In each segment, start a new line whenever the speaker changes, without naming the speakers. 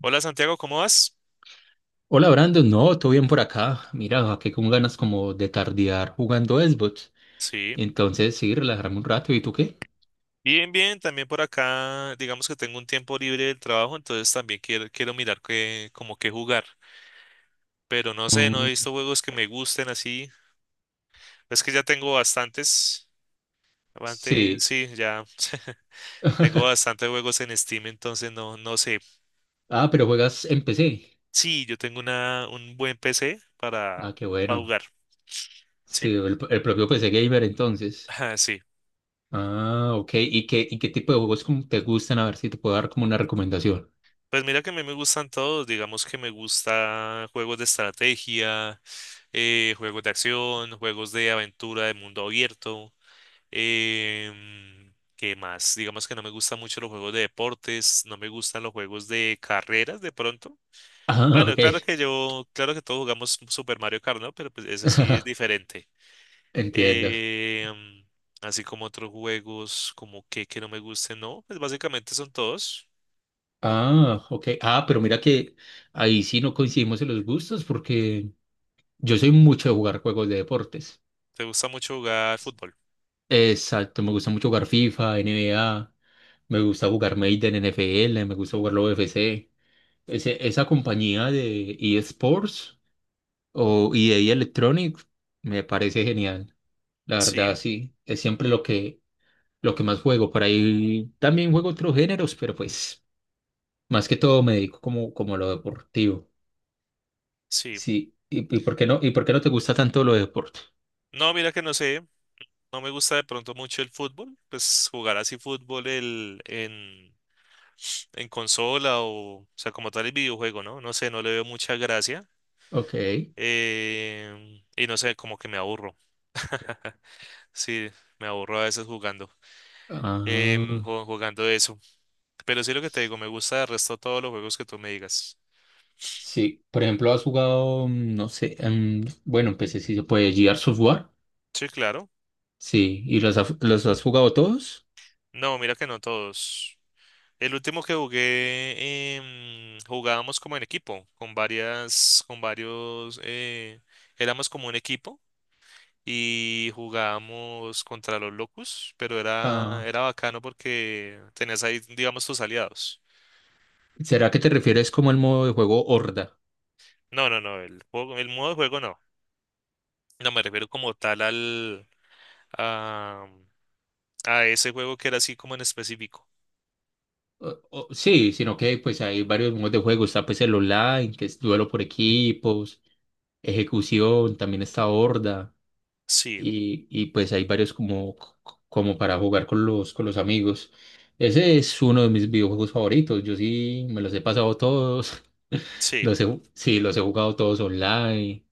Hola Santiago, ¿cómo vas?
Hola Brandon, no, todo bien por acá. Mira, aquí con ganas como de tardear jugando Xbox.
Sí,
Entonces, sí, relajarme un rato. ¿Y tú qué?
bien, bien, también por acá, digamos que tengo un tiempo libre del trabajo, entonces también quiero mirar qué, como qué jugar, pero no sé, no he
Mm,
visto juegos que me gusten así, es que ya tengo bastantes, antes
sí.
sí, ya tengo bastantes juegos en Steam, entonces no, no sé,
Ah, pero juegas en PC.
sí, yo tengo una, un buen PC
Ah,
para,
qué
para
bueno.
jugar, sí,
Sí, el propio PC Gamer entonces.
ah sí,
Ah, ok. ¿Y qué tipo de juegos como te gustan? A ver si te puedo dar como una recomendación.
pues mira que a mí me gustan todos, digamos que me gusta juegos de estrategia, juegos de acción, juegos de aventura de mundo abierto. ¿Qué más? Digamos que no me gustan mucho los juegos de deportes, no me gustan los juegos de carreras de pronto.
Ah,
Bueno,
ok.
claro que todos jugamos Super Mario Kart, ¿no? Pero pues ese sí es diferente.
Entiendo.
Em, Así como otros juegos como que no me gusten, ¿no? Pues básicamente son todos.
Ah, ok. Ah, pero mira que ahí sí no coincidimos en los gustos porque yo soy mucho de jugar juegos de deportes.
¿Te gusta mucho jugar fútbol?
Exacto, me gusta mucho jugar FIFA, NBA, me gusta jugar Madden, NFL, me gusta jugar la UFC. Esa compañía de eSports o EA Electronics me parece genial. La
Sí,
verdad, sí, es siempre lo que más juego. Por ahí también juego otros géneros, pero pues más que todo me dedico como a lo deportivo.
sí.
Sí, ¿Y por qué no te gusta tanto lo de deporte?
No, mira que no sé. No me gusta de pronto mucho el fútbol, pues jugar así fútbol en consola o sea, como tal el videojuego, ¿no? No sé, no le veo mucha gracia.
Ok.
Y no sé, como que me aburro. Sí, me aburro a veces jugando,
Ah.
jugando eso. Pero sí lo que te digo, me gusta el resto todos los juegos que tú me digas.
Sí, por ejemplo, has jugado, no sé, bueno, empecé si se puede, Gears of War.
Sí, claro.
Sí, ¿y los has jugado todos?
No, mira que no todos. El último que jugué, jugábamos como en equipo, con varias, con varios, éramos como un equipo y jugábamos contra los Locus, pero era,
Ah,
era bacano porque tenías ahí, digamos, tus aliados.
¿será que te refieres como el modo de juego Horda?
No, no, no, el modo de juego no. No me refiero como tal a, a ese juego que era así como en específico.
Sí, sino que pues hay varios modos de juego. Está pues el online, que es duelo por equipos, ejecución, también está Horda.
Sí,
Y pues hay varios como para jugar con con los amigos. Ese es uno de mis videojuegos favoritos. Yo sí me los he pasado todos.
sí.
Sí, los he jugado todos online.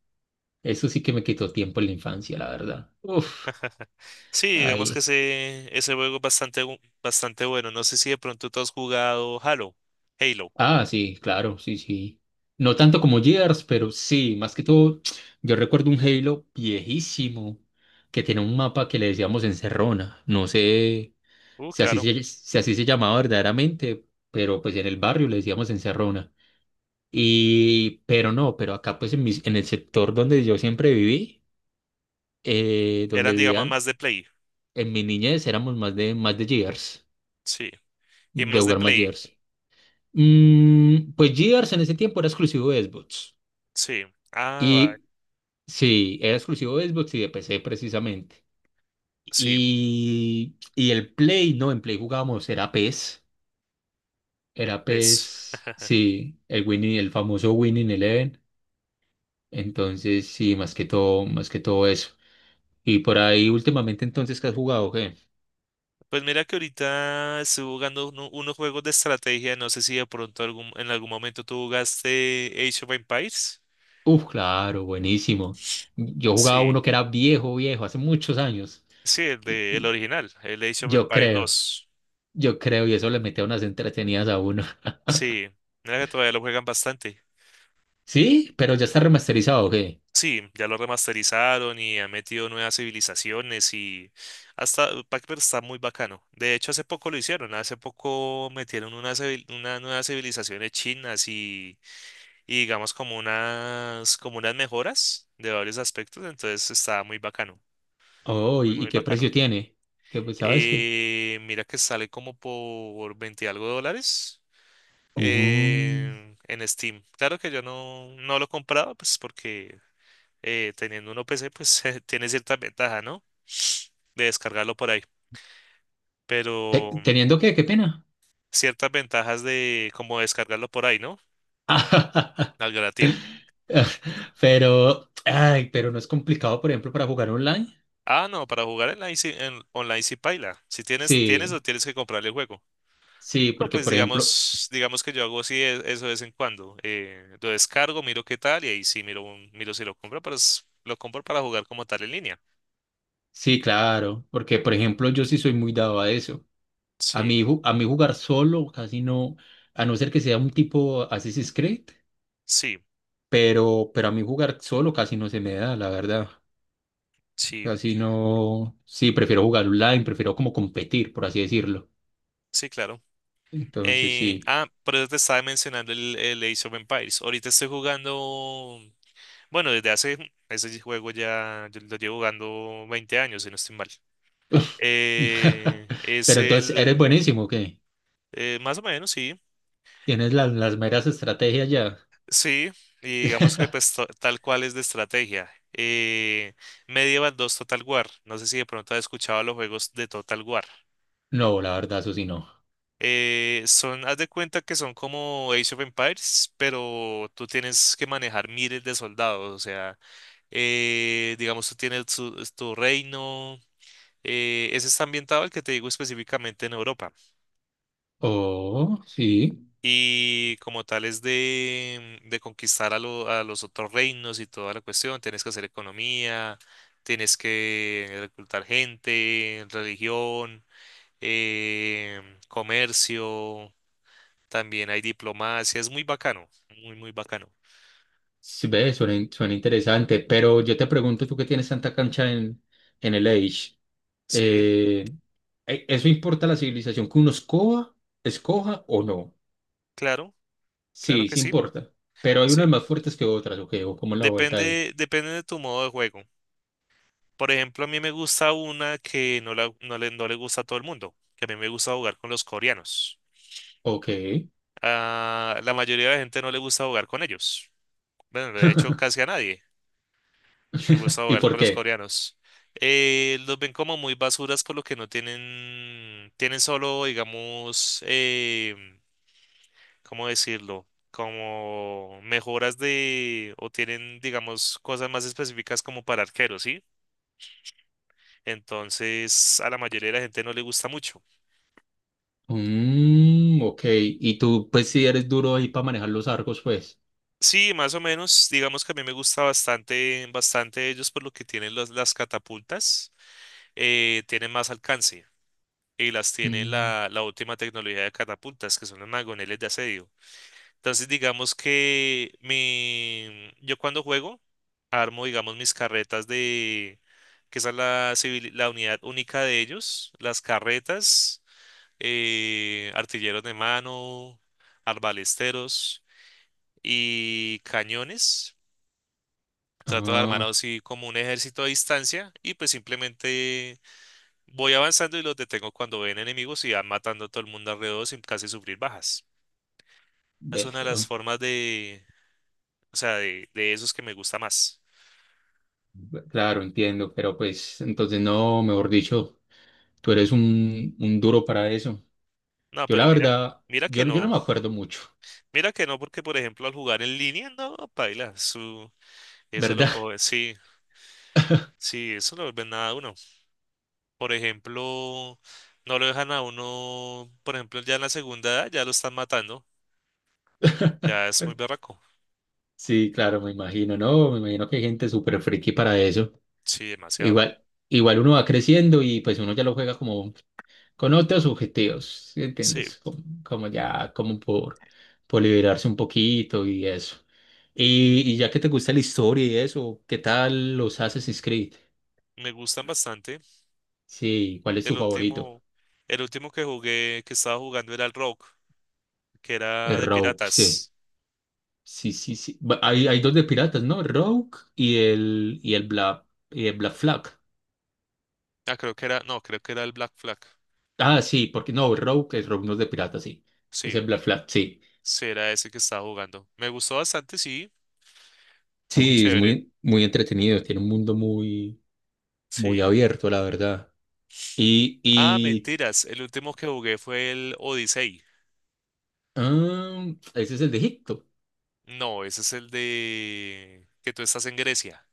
Eso sí que me quitó tiempo en la infancia, la verdad. Uf,
Sí, digamos que
ahí.
ese juego es bastante bueno. No sé si de pronto tú has jugado Halo. Halo.
Ah, sí, claro, sí, sí. No tanto como Gears, pero sí, más que todo, yo recuerdo un Halo viejísimo que tiene un mapa que le decíamos Encerrona. No sé, si así
Claro.
se, si así se llamaba verdaderamente, pero pues en el barrio le decíamos encerrona. Y, pero no, pero acá pues en el sector donde yo siempre viví, donde
Eran, digamos, más
vivían,
de play.
en mi niñez éramos más de Gears,
Sí. Y
de
más de
jugar más
play.
Gears. Mm, pues Gears en ese tiempo era exclusivo de Xbox.
Sí. Ah, va.
Y sí, era exclusivo de Xbox y de PC precisamente.
Sí.
Y el Play, no, en Play jugábamos, era PES.
El
Era
pez.
PES, sí, el Winning, el famoso Winning Eleven. Entonces, sí, más que todo eso. Y por ahí últimamente entonces, ¿qué has jugado, qué?
Pues mira que ahorita estoy jugando unos juegos de estrategia. No sé si de pronto en algún momento tú jugaste Age of Empires.
Uf, claro, buenísimo. Yo jugaba uno
Sí,
que era viejo, viejo, hace muchos años.
sí,
Y,
el
y
original, el Age of
yo
Empires
creo,
2.
yo creo, y eso le metía unas entretenidas a uno.
Sí, mira que todavía lo juegan bastante.
Sí, pero ya está remasterizado, ¿qué?
Sí, ya lo remasterizaron y han metido nuevas civilizaciones y hasta Pac-Man está muy bacano. De hecho, hace poco metieron unas una civil- una nuevas civilizaciones chinas y digamos como unas mejoras de varios aspectos, entonces está muy bacano,
Oh,
muy,
¿y
muy
qué
bacano.
precio tiene? ¿Qué, pues, sabes qué?
Mira que sale como por 20 y algo de dólares
Mm.
en Steam. Claro que yo no lo he comprado, pues porque teniendo uno PC, pues tiene cierta ventaja, ¿no? De descargarlo por ahí, pero
¿Teniendo qué? ¿Qué pena?
ciertas ventajas de como descargarlo por ahí, ¿no? Al gratín.
Pero, ay, pero no es complicado, por ejemplo, para jugar online.
Ah, no, para jugar en online si paila. Si tienes, tienes o
Sí,
tienes que comprarle el juego.
sí,
No,
porque,
pues
por ejemplo,
digamos que yo hago así eso de vez en cuando. Lo descargo, miro qué tal y ahí sí miro si lo compro, pero lo compro para jugar como tal en línea.
sí, claro, porque, por ejemplo, yo sí soy muy dado a eso. A
Sí,
mí, a mí jugar solo casi no, a no ser que sea un tipo Assassin's Creed,
sí,
pero, a mí jugar solo casi no se me da, la verdad.
sí,
Casi no, sí, prefiero jugar online, prefiero como competir, por así decirlo.
sí, claro.
Entonces, sí.
Ah, por eso te estaba mencionando el Age of Empires. Ahorita estoy jugando, bueno, desde hace, ese juego ya yo lo llevo jugando 20 años, si no estoy mal. Es
Pero entonces, ¿eres
el,
buenísimo o qué?
más o menos, sí.
Tienes las meras estrategias ya.
Sí, y digamos que pues tal cual es de estrategia. Medieval dos Total War. No sé si de pronto has escuchado los juegos de Total War.
No, la verdad, eso sí no.
Haz de cuenta que son como Age of Empires, pero tú tienes que manejar miles de soldados. O sea, digamos, tú tienes tu reino. Ese está ambientado, el que te digo específicamente en Europa.
Oh, sí,
Y como tal es de conquistar a los otros reinos y toda la cuestión, tienes que hacer economía, tienes que reclutar gente, religión, comercio, también hay diplomacia, es muy bacano, muy, muy bacano.
sí, ve, suena, suena interesante, pero yo te pregunto, tú que tienes tanta cancha en el Age,
Sí,
eh, ¿eso importa la civilización que uno escoja o no?
claro, claro
Sí,
que
sí
sí,
importa, pero hay
sí.
unas más fuertes que otras, ok, o como la vuelta ahí,
Depende, depende de tu modo de juego. Por ejemplo, a mí me gusta una que no, no le gusta a todo el mundo, que a mí me gusta jugar con los coreanos.
ok,
A la mayoría de la gente no le gusta jugar con ellos. Bueno, de hecho, casi a nadie le gusta
¿y
jugar
por
con los
qué?
coreanos. Los ven como muy basuras por lo que no tienen solo, digamos, ¿cómo decirlo? Como mejoras de, o tienen, digamos, cosas más específicas como para arqueros, ¿sí? Entonces, a la mayoría de la gente no le gusta mucho.
Mm, ok, y tú pues si eres duro ahí para manejar los arcos, pues.
Sí, más o menos, digamos que a mí me gusta bastante, bastante ellos por lo que tienen las catapultas. Tienen más alcance y las tiene
Mm,
la última tecnología de catapultas, que son los magoneles de asedio. Entonces, digamos que yo cuando juego, armo, digamos, mis carretas de, que esa es la unidad única de ellos, las carretas, artilleros de mano, arbalesteros y cañones. Trato de armar
ah,
así como un ejército a distancia y pues simplemente voy avanzando y los detengo cuando ven enemigos y van matando a todo el mundo alrededor sin casi sufrir bajas. Es
ve.
una de
Ah,
las formas de, o sea, de esos que me gusta más.
claro, entiendo, pero pues entonces no, mejor dicho, tú eres un duro para eso.
No,
Yo la
pero mira,
verdad,
mira que
yo no
no,
me acuerdo mucho,
mira que no, porque por ejemplo al jugar en línea, no, paila, eso lo
¿verdad?
coge, sí, sí, eso lo vuelve nada a uno. Por ejemplo, no lo dejan a uno, por ejemplo, ya en la segunda edad ya lo están matando, ya es muy berraco.
Sí, claro, me imagino, ¿no? Me imagino que hay gente súper friki para eso.
Sí, demasiado.
Igual, igual uno va creciendo y pues uno ya lo juega como con otros objetivos, ¿sí
Sí,
entiendes? Como ya, como por liberarse un poquito y eso. Y ya que te gusta la historia y eso, ¿qué tal los Assassin's Creed?
me gustan bastante.
Sí, ¿cuál es tu
El
favorito?
último, el último que jugué, que estaba jugando era el Rock, que era
El
de
Rogue, sí.
piratas.
Sí, sí, sí. Hay dos de piratas, ¿no? El Rogue y el, y el Black, y el Black Flag.
Ah, creo que era, no, creo que era el Black Flag.
Ah, sí, porque no, el Rogue no es de piratas, sí. Es
Sí,
el Black Flag, sí.
sí, era ese que estaba jugando. Me gustó bastante, sí, muy
Sí, es
chévere.
muy, muy entretenido. Tiene un mundo muy, muy
Sí.
abierto, la verdad. Y,
Ah,
y
mentiras, el último que jugué fue el Odyssey.
ah, ese es el de Egipto.
No, ese es el de que tú estás en Grecia.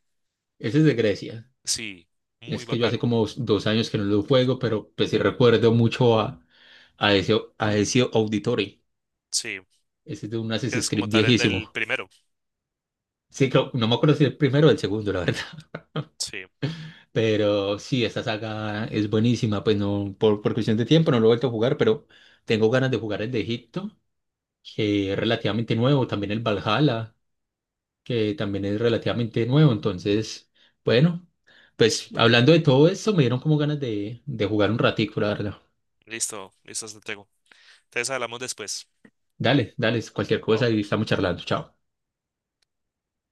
Ese es de Grecia.
Sí, muy
Es que yo hace
bacano.
como dos años que no lo juego, pero pues sí recuerdo mucho a ese Auditory.
Sí,
Ese es de un Assassin's
es como
Creed
tal el del
viejísimo.
primero.
Sí, no me acuerdo si el primero o el segundo, la verdad.
Sí,
Pero sí, esta saga es buenísima. Pues no, por cuestión de tiempo no lo he vuelto a jugar, pero tengo ganas de jugar el de Egipto, que es relativamente nuevo. También el Valhalla, que también es relativamente nuevo. Entonces, bueno, pues hablando de todo eso, me dieron como ganas de jugar un ratico, la verdad.
listo, listo, se tengo. Entonces hablamos después.
Dale, dale, cualquier
¿No?
cosa y estamos charlando. Chao.